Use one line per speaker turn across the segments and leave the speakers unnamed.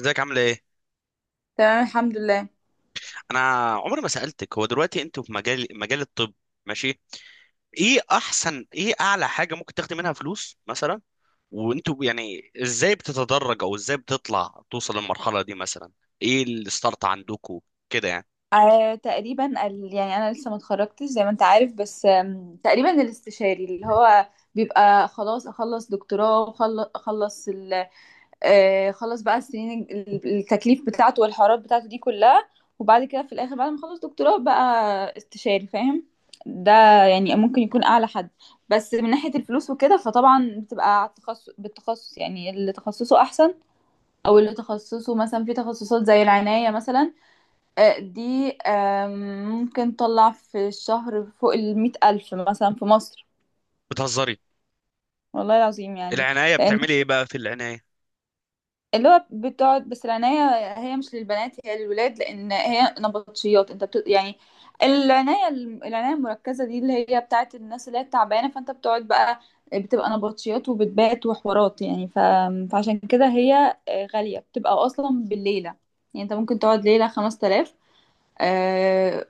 ازيك، عامله ايه؟
تمام، الحمد لله.
انا عمري ما سالتك. هو دلوقتي انتوا في مجال الطب؟ ماشي. ايه اعلى حاجه ممكن تاخدي منها فلوس مثلا؟ وانتوا يعني ازاي بتتدرج او ازاي بتطلع توصل للمرحله دي مثلا؟ ايه الستارت عندكوا كده يعني؟
تقريبا يعني انا لسه ما اتخرجتش زي ما انت عارف، بس تقريبا الاستشاري اللي هو بيبقى خلاص اخلص دكتوراه وخلص اخلص ال خلص بقى السنين التكليف بتاعته والحوارات بتاعته دي كلها، وبعد كده في الاخر بعد ما اخلص دكتوراه بقى استشاري، فاهم؟ ده يعني ممكن يكون اعلى حد. بس من ناحية الفلوس وكده فطبعا بتبقى على التخصص، يعني اللي تخصصه احسن او اللي تخصصه مثلا في تخصصات زي العناية مثلا، دي ممكن تطلع في الشهر فوق 100,000 مثلا في مصر،
بتهزري؟
والله العظيم، يعني.
العنايه
لأن
بتعملي ايه بقى في العنايه؟
اللي هو بتقعد، بس العناية هي مش للبنات، هي للولاد، لأن هي نبطشيات. يعني العناية المركزة دي اللي هي بتاعت الناس اللي هي تعبانة، فأنت بتقعد بقى، بتبقى نبطشيات وبتبات وحوارات، فعشان كده هي غالية، بتبقى أصلا بالليلة، يعني أنت ممكن تقعد ليلة 5,000،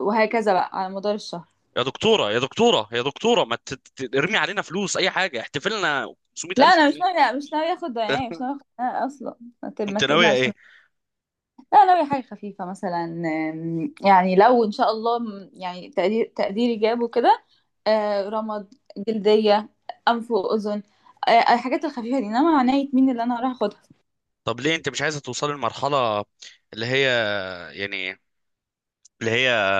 وهكذا بقى على مدار الشهر.
يا دكتوره يا دكتوره يا دكتوره، ما ترمي علينا فلوس. اي حاجه احتفلنا
لا
500000
انا مش
جنيه
ناويه، مش ناويه اخد يعني
اه.
مش ناويه اخد أنا اصلا. ما
انت ناويه
تقلقش.
ايه؟
لا، ناويه حاجه خفيفه مثلا، يعني لو ان شاء الله، يعني تقديري جابه كده، رمد، جلديه، انف واذن، الحاجات الخفيفه دي، انما عنايه مين اللي انا هروح اخدها.
طب ليه انت مش عايزه توصلي لمرحله، اللي هي يعني اللي هي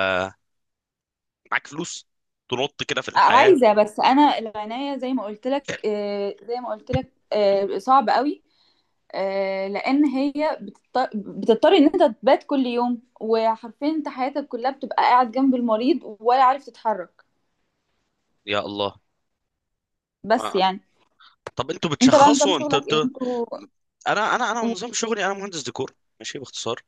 معاك فلوس تنط كده في الحياة؟
عايزه، بس انا العنايه زي ما قلت لك، آه، صعب قوي، لان هي بتضطر ان انت تبات كل يوم، وحرفيا انت حياتك كلها بتبقى قاعد جنب المريض، ولا عارف تتحرك.
يا الله.
بس
آه.
يعني.
طب انتوا
انت بقى نظام
بتشخصوا؟ انت
شغلك
انت
ايه انتوا؟
انا
و-
نظام شغلي انا مهندس ديكور. ماشي، باختصار.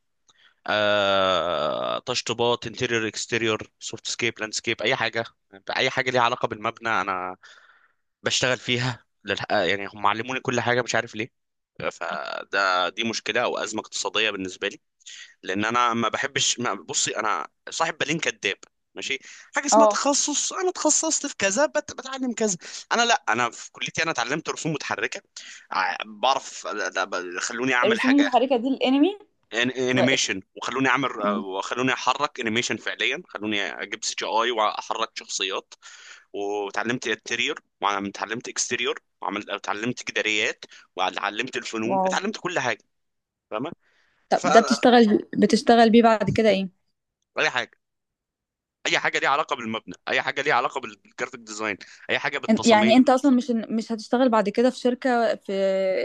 تشطيبات، انتيريور، اكستيريور، سوفت سكيب، لاند سكيب، اي حاجه. اي حاجه ليها علاقه بالمبنى انا بشتغل فيها يعني هم علموني كل حاجه، مش عارف ليه. دي مشكله او ازمه اقتصاديه بالنسبه لي، لان انا ما بحبش ما بصي، انا صاحب بالين كذاب. ماشي. حاجه اسمها
اه.
تخصص، انا اتخصصت في كذا، بتعلم كذا. انا، لا، انا في كليتي انا اتعلمت رسوم متحركه. بعرف، خلوني اعمل
الرسوم
حاجه.
المتحركة دي الانمي؟ و...
انيميشن، وخلوني اعمل
مم.
وخلوني احرك انيميشن فعليا، خلوني اجيب سي جي اي واحرك شخصيات. وتعلمت انتيريور، وتعلمت اكستيريور، اتعلمت جداريات، وتعلمت الفنون،
واو.
اتعلمت كل حاجه. فاهمه؟
طب ده بتشتغل بيه بعد كده ايه؟
فاي حاجه، اي حاجه ليها علاقه بالمبنى، اي حاجه ليها علاقه بالجرافيك ديزاين، اي حاجه
يعني
بالتصاميم.
انت اصلا مش هتشتغل بعد كده في شركة، في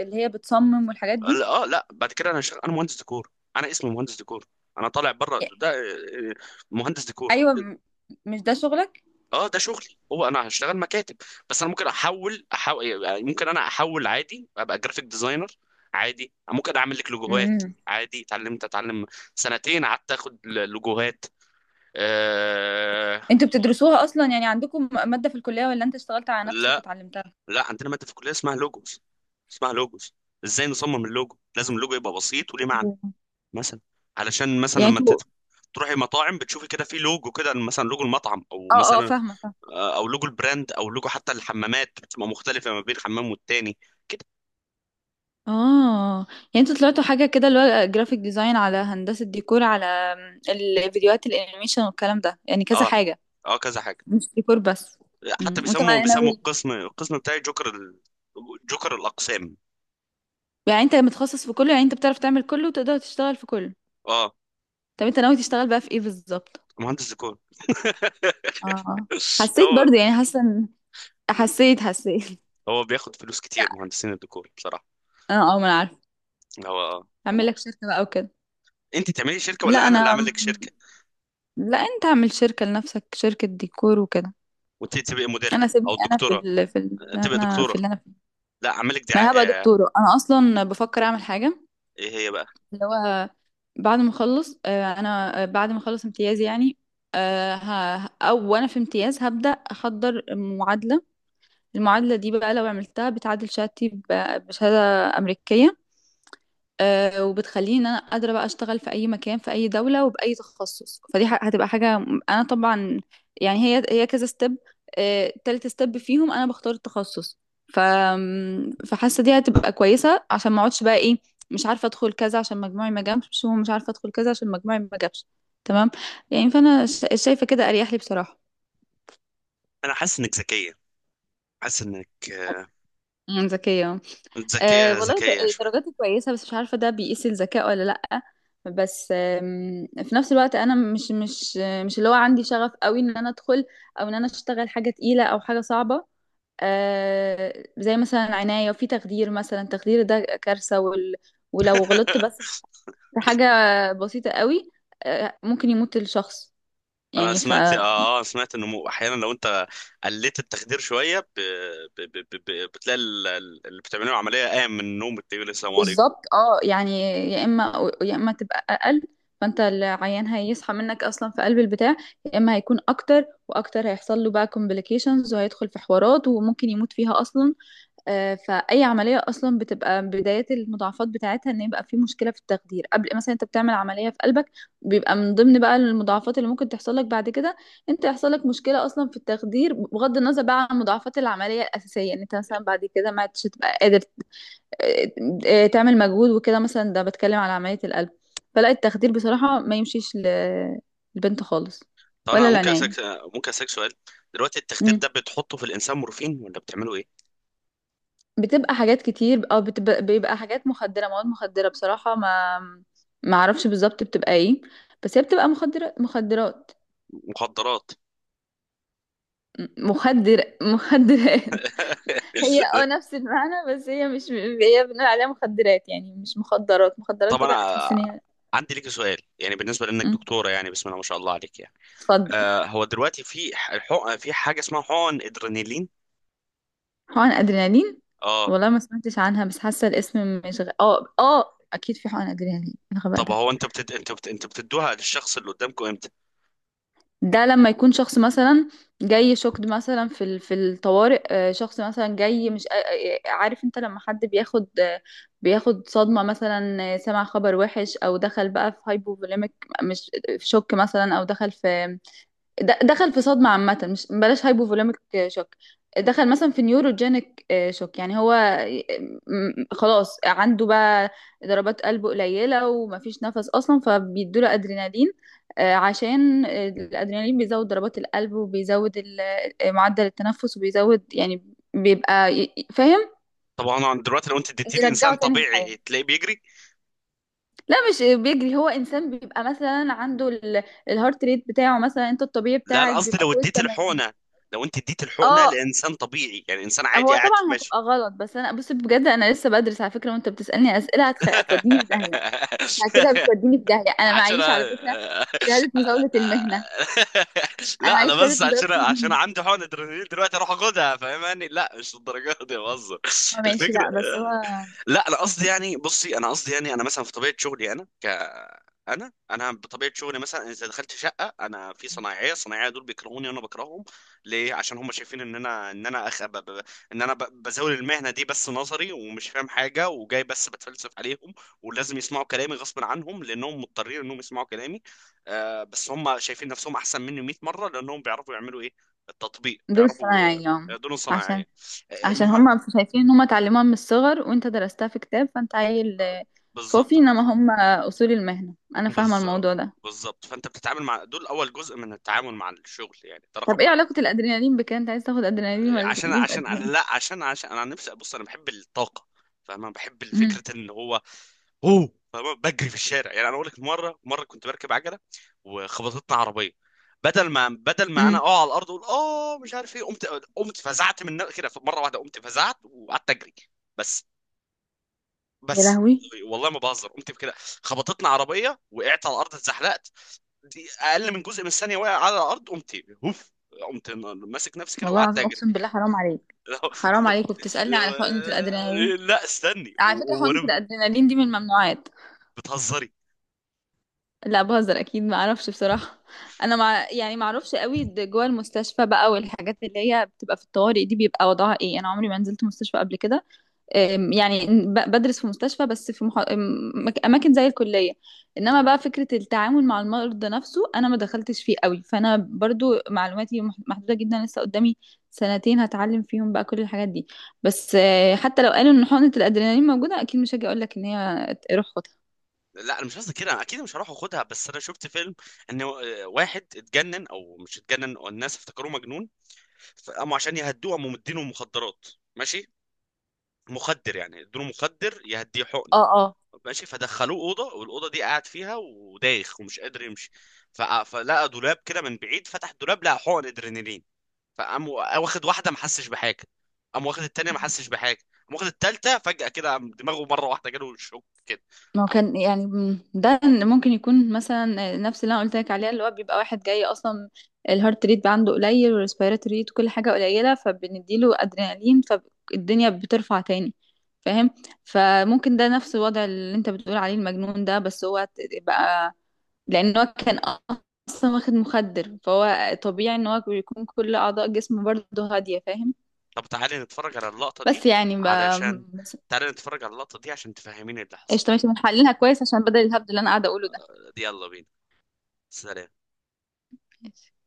اللي هي بتصمم والحاجات دي؟
لا، بعد كده انا هشتغل، انا مهندس ديكور. انا اسمي مهندس ديكور. انا طالع بره
إيه،
ده، مهندس ديكور.
ايوه. مش ده شغلك؟
اه، ده شغلي، هو انا هشتغل مكاتب. بس انا ممكن احول يعني، ممكن انا احول عادي ابقى جرافيك ديزاينر. عادي ممكن اعمل لك لوجوهات. عادي، اتعلمت، سنتين قعدت اخد لوجوهات. آه...
انتوا بتدرسوها اصلا، يعني عندكم مادة في الكلية، ولا انت اشتغلت على نفسك
لا،
وتعلمتها؟
لا عندنا ماده في الكليه اسمها لوجوز، اسمها لوجوس. ازاي نصمم اللوجو؟ لازم اللوجو يبقى بسيط وليه معنى.
أوه.
مثلا، علشان مثلا
يعني
لما
انتوا.
تروحي مطاعم بتشوفي كده في لوجو، كده مثلا لوجو المطعم، او
اه، اه،
مثلا
فاهمة فاهمة.
او لوجو البراند، او لوجو حتى الحمامات بتبقى مختلفه ما بين حمام والتاني كده.
اه، يعني انتوا طلعتوا حاجة كده، اللي هو جرافيك ديزاين، على هندسة ديكور، على الفيديوهات الانيميشن والكلام ده، يعني كذا
اه،
حاجة،
اه، كذا حاجه.
مش ديكور بس.
حتى
وانت
بيسموا
بقى
بيسموا
ناوي،
القسم بتاعي جوكر جوكر الاقسام.
يعني انت متخصص في كله، يعني انت بتعرف تعمل كله وتقدر تشتغل في كله.
اه،
طب انت ناوي تشتغل بقى في ايه بالظبط؟
مهندس ديكور.
اه. حسيت
هو
برضه، يعني حاسة حسيت.
هو بياخد فلوس
لا،
كتير مهندسين الديكور، بصراحه.
اه اه، ما انا عارفة.
هو،
اعمل
تمام.
لك شركة بقى وكده.
انت تعملي شركه
لا
ولا انا اللي اعمل
انا.
لك شركه؟
لا، انت اعمل شركة لنفسك، شركة ديكور وكده.
وانت تبقي
انا
مديرها
سيبني،
او
انا في
الدكتوره؟
ال... في ال...
تبقي
انا
دكتوره.
في اللي انا فيه.
لا، اعمل لك
ما
دعايه.
انا هبقى
اه،
دكتورة، انا اصلا بفكر اعمل حاجة،
ايه هي بقى؟
اللي هو بعد ما اخلص امتيازي، يعني او وانا في امتياز، هبدأ احضر معادلة. المعادلة دي بقى لو عملتها بتعادل بشهادة أمريكية، وبتخليني ان انا قادره بقى اشتغل في اي مكان في اي دوله وباي تخصص. هتبقى حاجه، انا طبعا يعني هي كذا ستيب، تالت ستيب فيهم انا بختار التخصص. ف فحاسه دي هتبقى كويسه عشان ما اقعدش بقى ايه، مش عارفه ادخل كذا عشان مجموعي ما جابش، ومش عارفه ادخل كذا عشان مجموعي ما جابش. تمام؟ يعني فانا شايفه كده اريح لي، بصراحه.
انا حاسس انك ذكيه. حاسس انك،
ذكيه. أه،
ذكيه،
والله،
ذكيه شويه.
درجاتي كويسة، بس مش عارفة ده بيقيس الذكاء ولا لأ. بس في نفس الوقت أنا مش اللي هو عندي شغف قوي إن أنا أدخل، أو إن أنا أشتغل حاجة تقيلة أو حاجة صعبة. أه، زي مثلا عناية، وفي تخدير مثلا. التخدير ده كارثة، ولو غلطت بس في حاجة بسيطة قوي، أه، ممكن يموت الشخص.
انا
يعني ف
سمعت، سمعت انه احيانا لو انت قلت التخدير شويه، بتلاقي اللي بتعمله عمليه قام من النوم بتقول السلام عليكم.
بالظبط، اه، يعني يا اما يا اما تبقى اقل، فانت العيان هيصحى منك اصلا في قلب البتاع، يا اما هيكون اكتر واكتر، هيحصل له بقى complications، وهيدخل في حوارات، وممكن يموت فيها اصلا. فاي عمليه اصلا بتبقى بدايه المضاعفات بتاعتها ان يبقى في مشكله في التخدير. قبل مثلا انت بتعمل عمليه في قلبك، بيبقى من ضمن بقى المضاعفات اللي ممكن تحصل لك بعد كده انت يحصل لك مشكله اصلا في التخدير، بغض النظر بقى عن مضاعفات العمليه الاساسيه، ان انت مثلا بعد كده ما عدتش تبقى قادر آه، تعمل مجهود وكده مثلا، ده بتكلم على عملية القلب. فلا، التخدير بصراحة ما يمشيش للبنت خالص،
طب
ولا
انا
العناية.
ممكن اسالك سؤال؟ دلوقتي التخدير ده
مم.
بتحطه في الانسان مورفين ولا بتعمله ايه؟
بتبقى حاجات كتير، او بيبقى حاجات مخدرة، مواد مخدرة، بصراحة ما ما اعرفش بالظبط بتبقى ايه، بس هي بتبقى مخدرة، مخدرات.
مخدرات.
مخدر، مخدرات. هي اه، نفس المعنى، بس هي مش، هي بنقول عليها مخدرات، يعني مش مخدرات مخدرات
طب
دي بقى تحس
انا
ان هي.
عندي لك سؤال، يعني بالنسبه لانك
مم.
دكتوره، يعني بسم الله ما شاء الله عليك، يعني
اتفضل.
آه، هو دلوقتي في الحق في حاجه اسمها حقن ادرينالين؟
حقن ادرينالين؟
اه.
والله ما سمعتش عنها، بس حاسه الاسم مش اه، اه، اكيد في حقن ادرينالين، إيه الغباء
طب
ده.
هو انت انت بتدوها للشخص اللي قدامكم امتى؟
ده لما يكون شخص مثلا جاي شوكد مثلا في الطوارئ، شخص مثلا جاي مش آه، آه، عارف انت لما حد بياخد صدمه مثلا، سمع خبر وحش، او دخل بقى في هايبوفوليميك، مش في شوك مثلا، او دخل في دخل في صدمة عامة، مش بلاش هايبوفوليميك شوك، دخل مثلا في نيوروجينيك شوك، يعني هو خلاص عنده بقى ضربات قلبه قليلة ومفيش نفس أصلا، فبيدوله أدرينالين، عشان الأدرينالين بيزود ضربات القلب، وبيزود معدل التنفس، وبيزود، يعني بيبقى فاهم،
طبعا انا دلوقتي لو انت اديتيه لانسان
يرجعه تاني للحياة.
طبيعي تلاقيه بيجري.
لا، مش بيجري، هو إنسان بيبقى مثلا عنده الهارت ريت بتاعه مثلا، أنت الطبيعي
لا، انا
بتاعك
قصدي
بيبقى فوق 80.
لو انت اديت الحقنه
اه.
لانسان طبيعي، يعني انسان عادي
هو
قاعد في
طبعا
ماشي.
هتبقى غلط، بس انا بص، بجد انا لسه بدرس على فكره، وانت بتسالني اسئله هتوديني في داهيه، انت كده بتوديني في داهيه. انا
عشان.
معيش على فكره شهاده مزاوله المهنه، انا
لا، انا
معيش شهاده
بس
مزاوله
عشان
المهنه.
عندي حقن ادرينالين دلوقتي اروح اخدها؟ فاهماني، لا، مش للدرجه دي، بهزر.
هو ماشي،
الفكره،
لا، بس هو.
لا، انا قصدي يعني بصي، انا قصدي يعني انا مثلا في طبيعه شغلي، انا انا بطبيعه شغلي مثلا اذا دخلت شقه انا في صنايعيه دول بيكرهوني وانا بكرههم. ليه؟ عشان هم شايفين ان انا، ان انا بزاول المهنه دي بس نظري، ومش فاهم حاجه، وجاي بس بتفلسف عليهم، ولازم يسمعوا كلامي غصب عنهم لانهم مضطرين انهم يسمعوا كلامي. بس هم شايفين نفسهم احسن مني 100 مره لانهم بيعرفوا يعملوا ايه، التطبيق
دول
بيعرفوا.
صنايعي، يعني.
دول
عشان،
صناعيه. آه، المه...
هم شايفين ان هم اتعلموها من الصغر، وانت درستها في كتاب، فانت عيل،
آه،
فوفي،
بالظبط،
انما
عارف.
هم اصول المهنه، انا فاهمه الموضوع
بالظبط،
ده.
بالظبط، فانت بتتعامل مع دول، اول جزء من التعامل مع الشغل يعني، ده
طب
رقم
ايه
واحد.
علاقه الادرينالين بكده، انت عايز تاخد ادرينالين
آه،
ولا
عشان
تديهم
عشان أنا
ادرينالين؟
لا عشان عشان انا عن نفسي، بص، انا بحب الطاقه، فانا بحب
امم
فكره ان هو، اوه بجري في الشارع. يعني انا اقول لك، مره مره كنت بركب عجله وخبطتنا عربيه. بدل ما انا
امم
اقع على الارض اقول، مش عارف ايه، قمت. كده مره واحده قمت فزعت وقعدت اجري. بس
يا
بس
لهوي،
والله ما بهزر، قمت كده. خبطتنا عربيه، وقعت على الارض، اتزحلقت، دي اقل من جزء من الثانيه، واقع على الارض قمت، هوف، قمت ماسك نفسي كده،
والله
وقعدت
العظيم،
اجري.
اقسم بالله حرام عليك، حرام عليك، وبتسألني على حقنة الادرينالين؟
لا، استني،
على فكرة حقنة
وانا.
الادرينالين دي من الممنوعات.
بتهزري؟
لا بهزر، اكيد ما اعرفش بصراحة، انا مع، يعني ما اعرفش قوي، جوه المستشفى بقى والحاجات اللي هي بتبقى في الطوارئ دي بيبقى وضعها ايه، انا عمري ما نزلت مستشفى قبل كده. يعني بدرس في مستشفى، بس في اماكن زي الكليه، انما بقى فكره التعامل مع المرضى نفسه انا ما دخلتش فيه قوي، فانا برضو معلوماتي محدوده جدا، لسه قدامي سنتين هتعلم فيهم بقى كل الحاجات دي. بس حتى لو قالوا ان حقنه الادرينالين موجوده، اكيد مش هاجي اقول لك ان هي روح خدها.
لا، انا مش قصدي كده، انا اكيد مش هروح اخدها، بس انا شفت فيلم ان واحد اتجنن، او مش اتجنن والناس افتكروه مجنون، فقاموا عشان يهدوه، قاموا مدينه مخدرات، ماشي، مخدر يعني، ادوله مخدر يهديه حقنه،
اه، اه،
ماشي. فدخلوه اوضه، والاوضه دي قاعد فيها ودايخ ومش قادر يمشي، فلقى دولاب كده من بعيد، فتح الدولاب لقى حقن ادرينالين، فقام واخد واحده ما حسش بحاجه، قام واخد التانيه ما حسش بحاجه، قام واخد التالته فجاه كده قام دماغه مره واحده، جاله شوك كده.
ما هو كان يعني، ده ممكن يكون مثلا نفس اللي انا قلت لك عليها، اللي هو بيبقى واحد جاي اصلا الهارت ريت بقى عنده قليل، والريسبيرات ريت، وكل حاجه قليله، فبنديله ادرينالين، فالدنيا بترفع تاني، فاهم؟ فممكن ده نفس الوضع اللي انت بتقول عليه المجنون ده، بس هو بقى لان هو كان اصلا واخد مخدر، فهو طبيعي ان هو بيكون كل اعضاء جسمه برضه هاديه، فاهم؟
طب تعالي نتفرج على اللقطة دي،
بس يعني ب...
علشان
بس-
عشان تفهميني اللي حصل.
قشطه، ماشي، بنحللها كويس عشان بدل الهبد اللي انا قاعده اقوله
يلا بينا، سلام.
ده.